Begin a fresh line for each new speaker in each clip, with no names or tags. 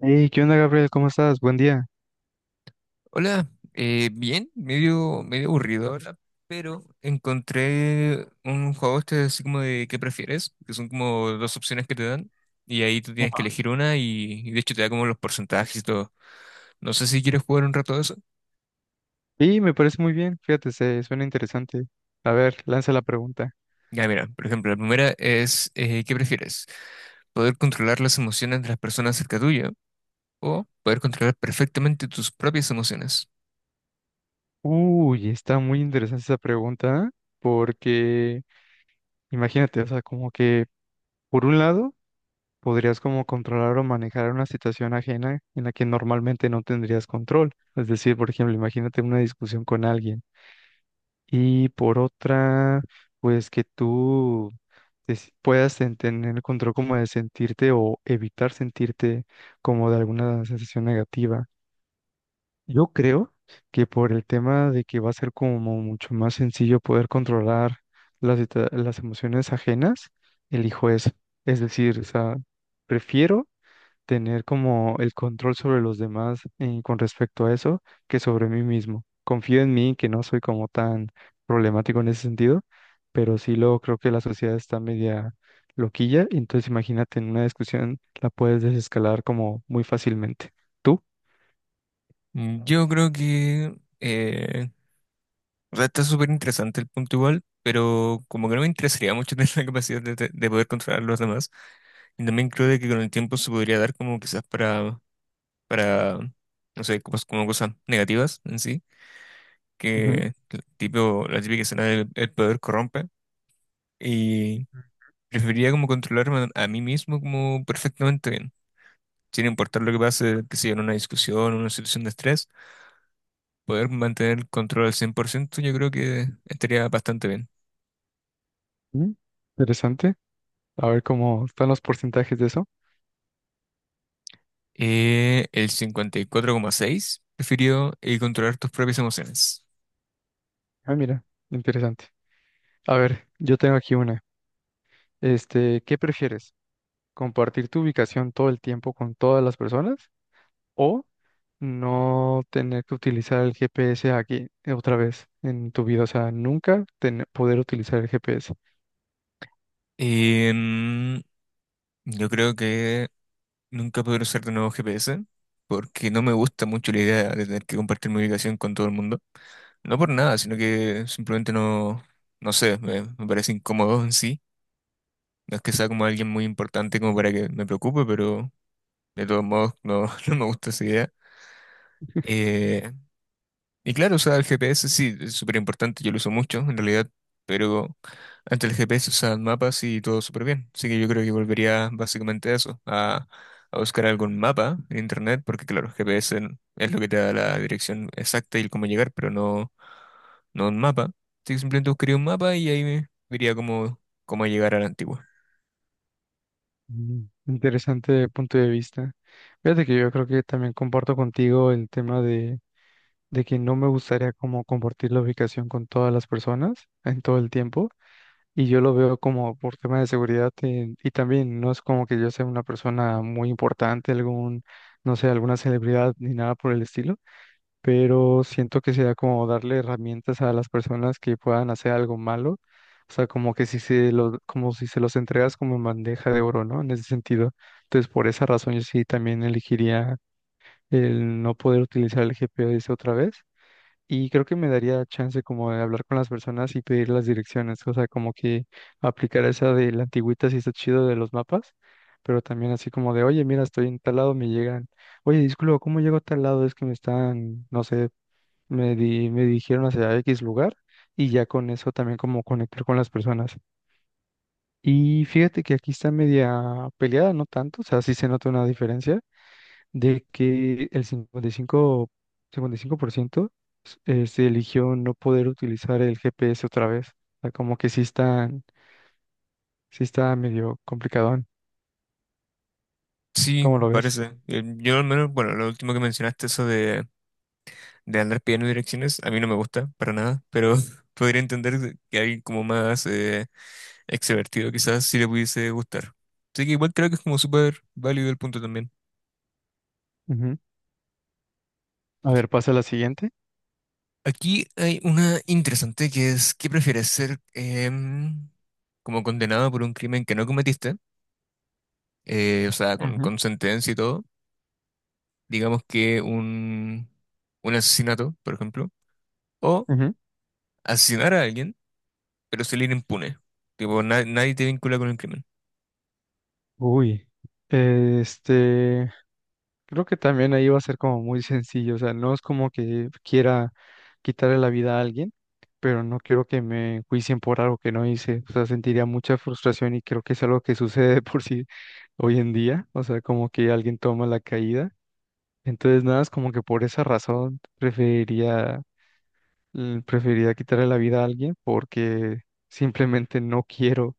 Hey, ¿qué onda, Gabriel? ¿Cómo estás? Buen día.
Hola, bien, medio aburrido ahora, pero encontré un juego este así como de ¿qué prefieres? Que son como dos opciones que te dan y ahí tú tienes que
Ajá.
elegir una y de hecho te da como los porcentajes y todo. No sé si quieres jugar un rato de eso.
Sí, me parece muy bien, fíjate, se suena interesante. A ver, lanza la pregunta.
Ya, mira, por ejemplo, la primera es ¿qué prefieres? ¿Poder controlar las emociones de las personas cerca tuya o poder controlar perfectamente tus propias emociones?
Uy, está muy interesante esa pregunta porque imagínate, o sea, como que por un lado podrías como controlar o manejar una situación ajena en la que normalmente no tendrías control. Es decir, por ejemplo, imagínate una discusión con alguien. Y por otra, pues que tú puedas tener el control como de sentirte o evitar sentirte como de alguna sensación negativa. Yo creo que por el tema de que va a ser como mucho más sencillo poder controlar las emociones ajenas, elijo eso. Es decir, o sea, prefiero tener como el control sobre los demás con respecto a eso que sobre mí mismo. Confío en mí, que no soy como tan problemático en ese sentido, pero sí lo creo que la sociedad está media loquilla, y entonces imagínate en una discusión la puedes desescalar como muy fácilmente. ¿Tú?
Mm, yo creo que eh, o sea, está súper interesante el punto igual, pero como que no me interesaría mucho tener la capacidad de poder controlar a los demás. Y también creo de que con el tiempo se podría dar como quizás para, no sé, como cosas negativas en sí,
Ujú,
que el tipo, la típica escena del el poder corrompe. Y preferiría como controlarme a mí mismo como perfectamente bien. Sin importar lo que pase, que sea en una discusión, en una situación de estrés, poder mantener el control al 100%. Yo creo que estaría bastante bien.
ujú. Interesante. A ver cómo están los porcentajes de eso.
El 54,6 prefirió controlar tus propias emociones.
Ah, mira, interesante. A ver, yo tengo aquí una. Este, ¿qué prefieres? ¿Compartir tu ubicación todo el tiempo con todas las personas o no tener que utilizar el GPS aquí otra vez en tu vida, o sea, nunca tener, poder utilizar el GPS?
Em, yo creo que nunca podré usar de nuevo GPS porque no me gusta mucho la idea de tener que compartir mi ubicación con todo el mundo. No por nada, sino que simplemente no, no sé, me parece incómodo en sí. No es que sea como alguien muy importante como para que me preocupe, pero de todos modos no, no me gusta esa idea. Eh, Y claro, o sea, el GPS sí es súper importante, yo lo uso mucho en realidad, pero antes el GPS usaban mapas y todo súper bien. Así que yo creo que volvería básicamente a eso, a buscar algún mapa en internet, porque claro, es lo que te da la dirección exacta y el cómo llegar, pero no, no un mapa. Así que simplemente buscaría un mapa y ahí me vería cómo, cómo llegar a la antigua.
Mm. Interesante punto de vista. Fíjate que yo creo que también comparto contigo el tema de que no me gustaría como compartir la ubicación con todas las personas en todo el tiempo. Y yo lo veo como por tema de seguridad, y también no es como que yo sea una persona muy importante, algún, no sé, alguna celebridad ni nada por el estilo, pero siento que sería como darle herramientas a las personas que puedan hacer algo malo, o sea, como que si se lo como si se los entregas como en bandeja de oro, ¿no? En ese sentido. Entonces, por esa razón yo sí también elegiría el no poder utilizar el GPS otra vez y creo que me daría chance como de hablar con las personas y pedir las direcciones, o sea, como que aplicar esa de la antigüita si está chido de los mapas. Pero también así como de, oye, mira, estoy en tal lado, me llegan. Oye, disculpa, ¿cómo llego a tal lado? Es que me están, no sé, me dirigieron hacia X lugar y ya con eso también como conectar con las personas. Y fíjate que aquí está media peleada, no tanto, o sea, sí se nota una diferencia de que el 55, 55% se eligió no poder utilizar el GPS otra vez. O sea, como que sí están, sí está medio complicadón.
Sí,
¿Cómo lo ves?
parece. Yo al menos, bueno, lo último que mencionaste, eso de andar pidiendo direcciones, a mí no me gusta para nada, pero podría entender que alguien como más extrovertido quizás sí le pudiese gustar. Así que igual creo que es como súper válido el punto también.
Ujú. A ver, pasa a la siguiente.
Aquí hay una interesante que es, ¿qué prefieres ser em, como condenado por un crimen que no cometiste? O sea,
Ujú,
con sentencia y todo. Digamos que un asesinato, por ejemplo. O
ujú.
asesinar a alguien, pero salir impune. Tipo, nadie te vincula con el crimen.
Uy, este, creo que también ahí va a ser como muy sencillo, o sea, no es como que quiera quitarle la vida a alguien, pero no quiero que me juicien por algo que no hice, o sea, sentiría mucha frustración y creo que es algo que sucede de por sí hoy en día, o sea, como que alguien toma la caída, entonces nada, es como que por esa razón preferiría, preferiría quitarle la vida a alguien porque simplemente no quiero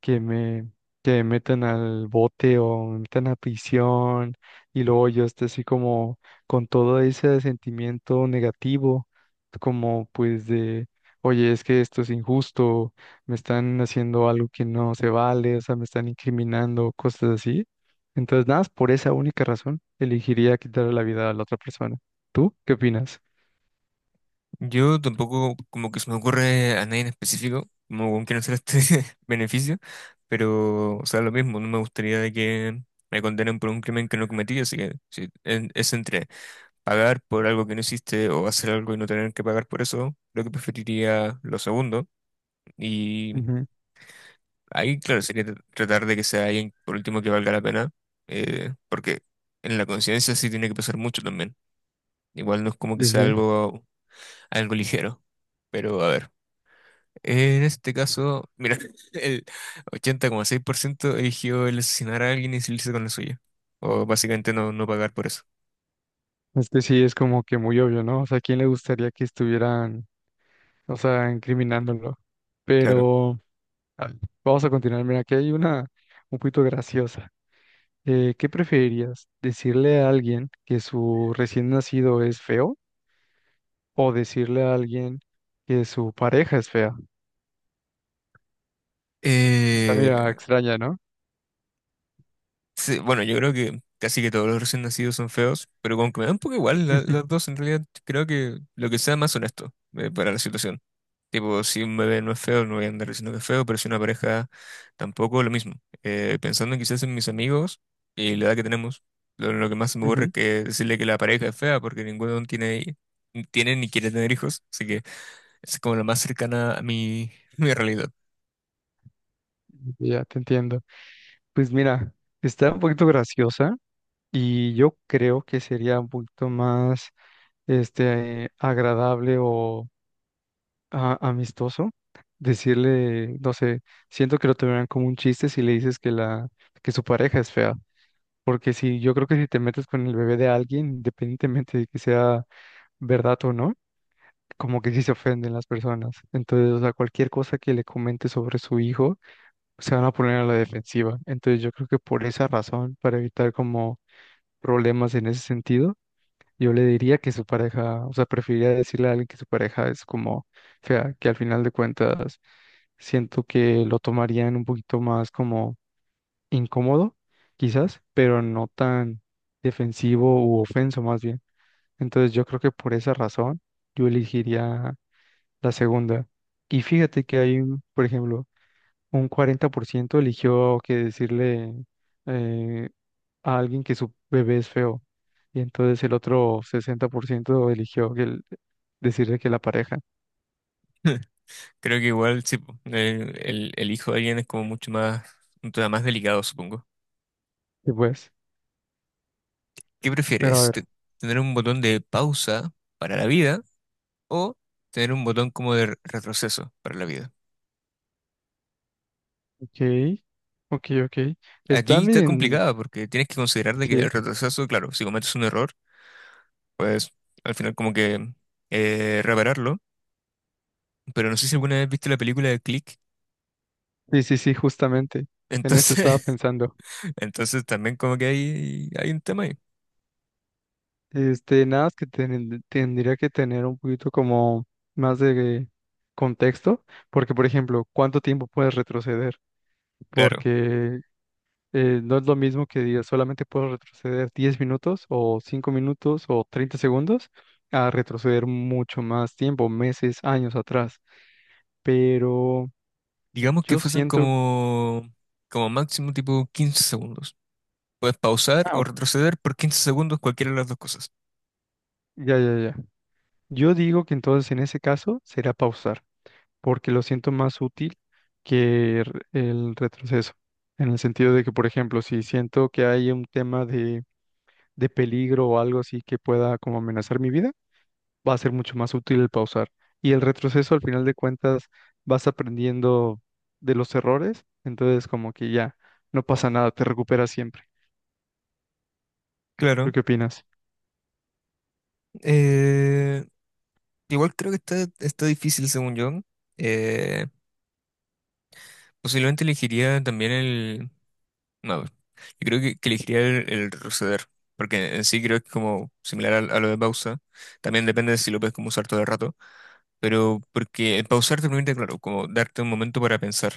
que me, que me metan al bote o me metan a prisión y luego yo esté así como con todo ese sentimiento negativo, como pues de, oye, es que esto es injusto, me están haciendo algo que no se vale, o sea, me están incriminando, cosas así. Entonces, nada, más por esa única razón, elegiría quitarle la vida a la otra persona. ¿Tú qué opinas?
Yo tampoco como que se me ocurre a nadie en específico, como con quién hacer este beneficio, pero, o sea, lo mismo, no me gustaría de que me condenen por un crimen que no cometí, así que si es entre pagar por algo que no hiciste o hacer algo y no tener que pagar por eso, creo que preferiría lo segundo, y
Ujú.
ahí, claro, sería tratar de que sea alguien por último que valga la pena, porque en la conciencia sí tiene que pesar mucho también, igual no es como que
Sí,
sea
sí.
algo, algo ligero, pero a ver. En este caso, mira, el 80,6% eligió el asesinar a alguien y salirse con la suya. O básicamente no, no pagar por eso.
Es que sí, es como que muy obvio, ¿no? O sea, ¿a quién le gustaría que estuvieran o sea, incriminándolo?
Claro.
Pero a ver, vamos a continuar. Mira, aquí hay una un poquito graciosa. ¿Qué preferirías? ¿Decirle a alguien que su recién nacido es feo o decirle a alguien que su pareja es fea? Está medio
Eh,
extraña, ¿no?
sí, bueno, yo creo que casi que todos los recién nacidos son feos, pero como que me da un poco igual las dos, en realidad creo que lo que sea más honesto para la situación. Tipo, si un bebé no es feo, no voy a andar diciendo que es feo, pero si una pareja tampoco, lo mismo. Pensando quizás en mis amigos y la edad que tenemos, lo que más se me ocurre es
Ujú.
que decirle que la pareja es fea porque ninguno tiene, tiene ni quiere tener hijos, así que es como la más cercana a mi, mi realidad.
Ya te entiendo. Pues mira, está un poquito graciosa y yo creo que sería un poquito más este agradable o amistoso, decirle, no sé, siento que lo tomarán como un chiste si le dices que la que su pareja es fea, porque si yo creo que si te metes con el bebé de alguien, independientemente de que sea verdad o no, como que sí se ofenden las personas. Entonces, o sea, cualquier cosa que le comente sobre su hijo, se van a poner a la defensiva. Entonces, yo creo que por esa razón, para evitar como problemas en ese sentido, yo le diría que su pareja, o sea, preferiría decirle a alguien que su pareja es como fea, que al final de cuentas siento que lo tomarían un poquito más como incómodo, quizás, pero no tan defensivo u ofenso más bien. Entonces yo creo que por esa razón yo elegiría la segunda. Y fíjate que hay, por ejemplo, un 40% eligió que decirle eh, a alguien que su bebé es feo. Y entonces el otro 60% eligió que decirle que la pareja.
Creo que igual, sí, po, el hijo de alguien es como mucho más, un tema más delicado, supongo.
Y pues,
¿Qué
pero a
prefieres?
ver,
¿Te- ¿Tener un botón de pausa para la vida o tener un botón como de retroceso para la vida?
ok, ok, ok. Está
Aquí está
bien,
complicada porque tienes que considerar de que el
sí,
retroceso, claro, si cometes un error, pues al final como que repararlo. Pero no sé si alguna vez viste la película de Click.
sí, sí, sí, justamente. En eso estaba
Entonces,
pensando.
entonces también como que hay un tema ahí.
Este, nada más que tendría que tener un poquito como más de contexto, porque por ejemplo, ¿cuánto tiempo puedes retroceder?
Claro.
Porque no es lo mismo que diga solamente puedo retroceder 10 minutos o 5 minutos o 30 segundos a retroceder mucho más tiempo, meses, años atrás. Pero
Digamos que
yo
fuesen
siento...
como, como máximo tipo 15 segundos. Puedes pausar
Ah,
o
ok,
retroceder por 15 segundos cualquiera de las dos cosas.
ya, ya, ya. Yo digo que entonces en ese caso será pausar, porque lo siento más útil que el retroceso. En el sentido de que, por ejemplo, si siento que hay un tema de peligro o algo así que pueda como amenazar mi vida, va a ser mucho más útil el pausar. Y el retroceso, al final de cuentas, vas aprendiendo de los errores, entonces como que ya no pasa nada, te recuperas siempre. ¿Tú
Claro.
qué opinas?
eh, Igual creo que está, está difícil según yo. Eh, Posiblemente elegiría también el... No, yo creo que elegiría el retroceder, porque en sí creo que es como similar a, lo de pausa, también depende de si lo puedes como usar todo el rato, pero porque el pausar te permite, claro, como darte un momento para pensar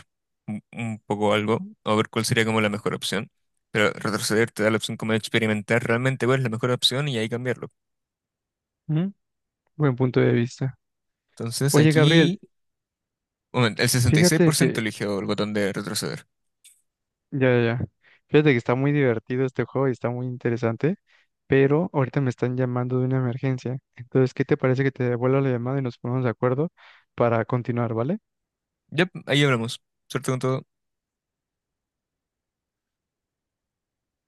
un poco algo, o ver cuál sería como la mejor opción, pero retroceder te da la opción como de experimentar realmente cuál es la mejor opción y ahí cambiarlo.
Mm, Buen punto de vista.
Entonces
Oye, Gabriel,
aquí, bueno, el
fíjate
66%
que,
eligió el botón de retroceder.
ya, ya, ya, fíjate que está muy divertido este juego y está muy interesante, pero ahorita me están llamando de una emergencia. Entonces, ¿qué te parece que te devuelva la llamada y nos ponemos de acuerdo para continuar, vale?
Ya, ahí hablamos. Suerte con todo.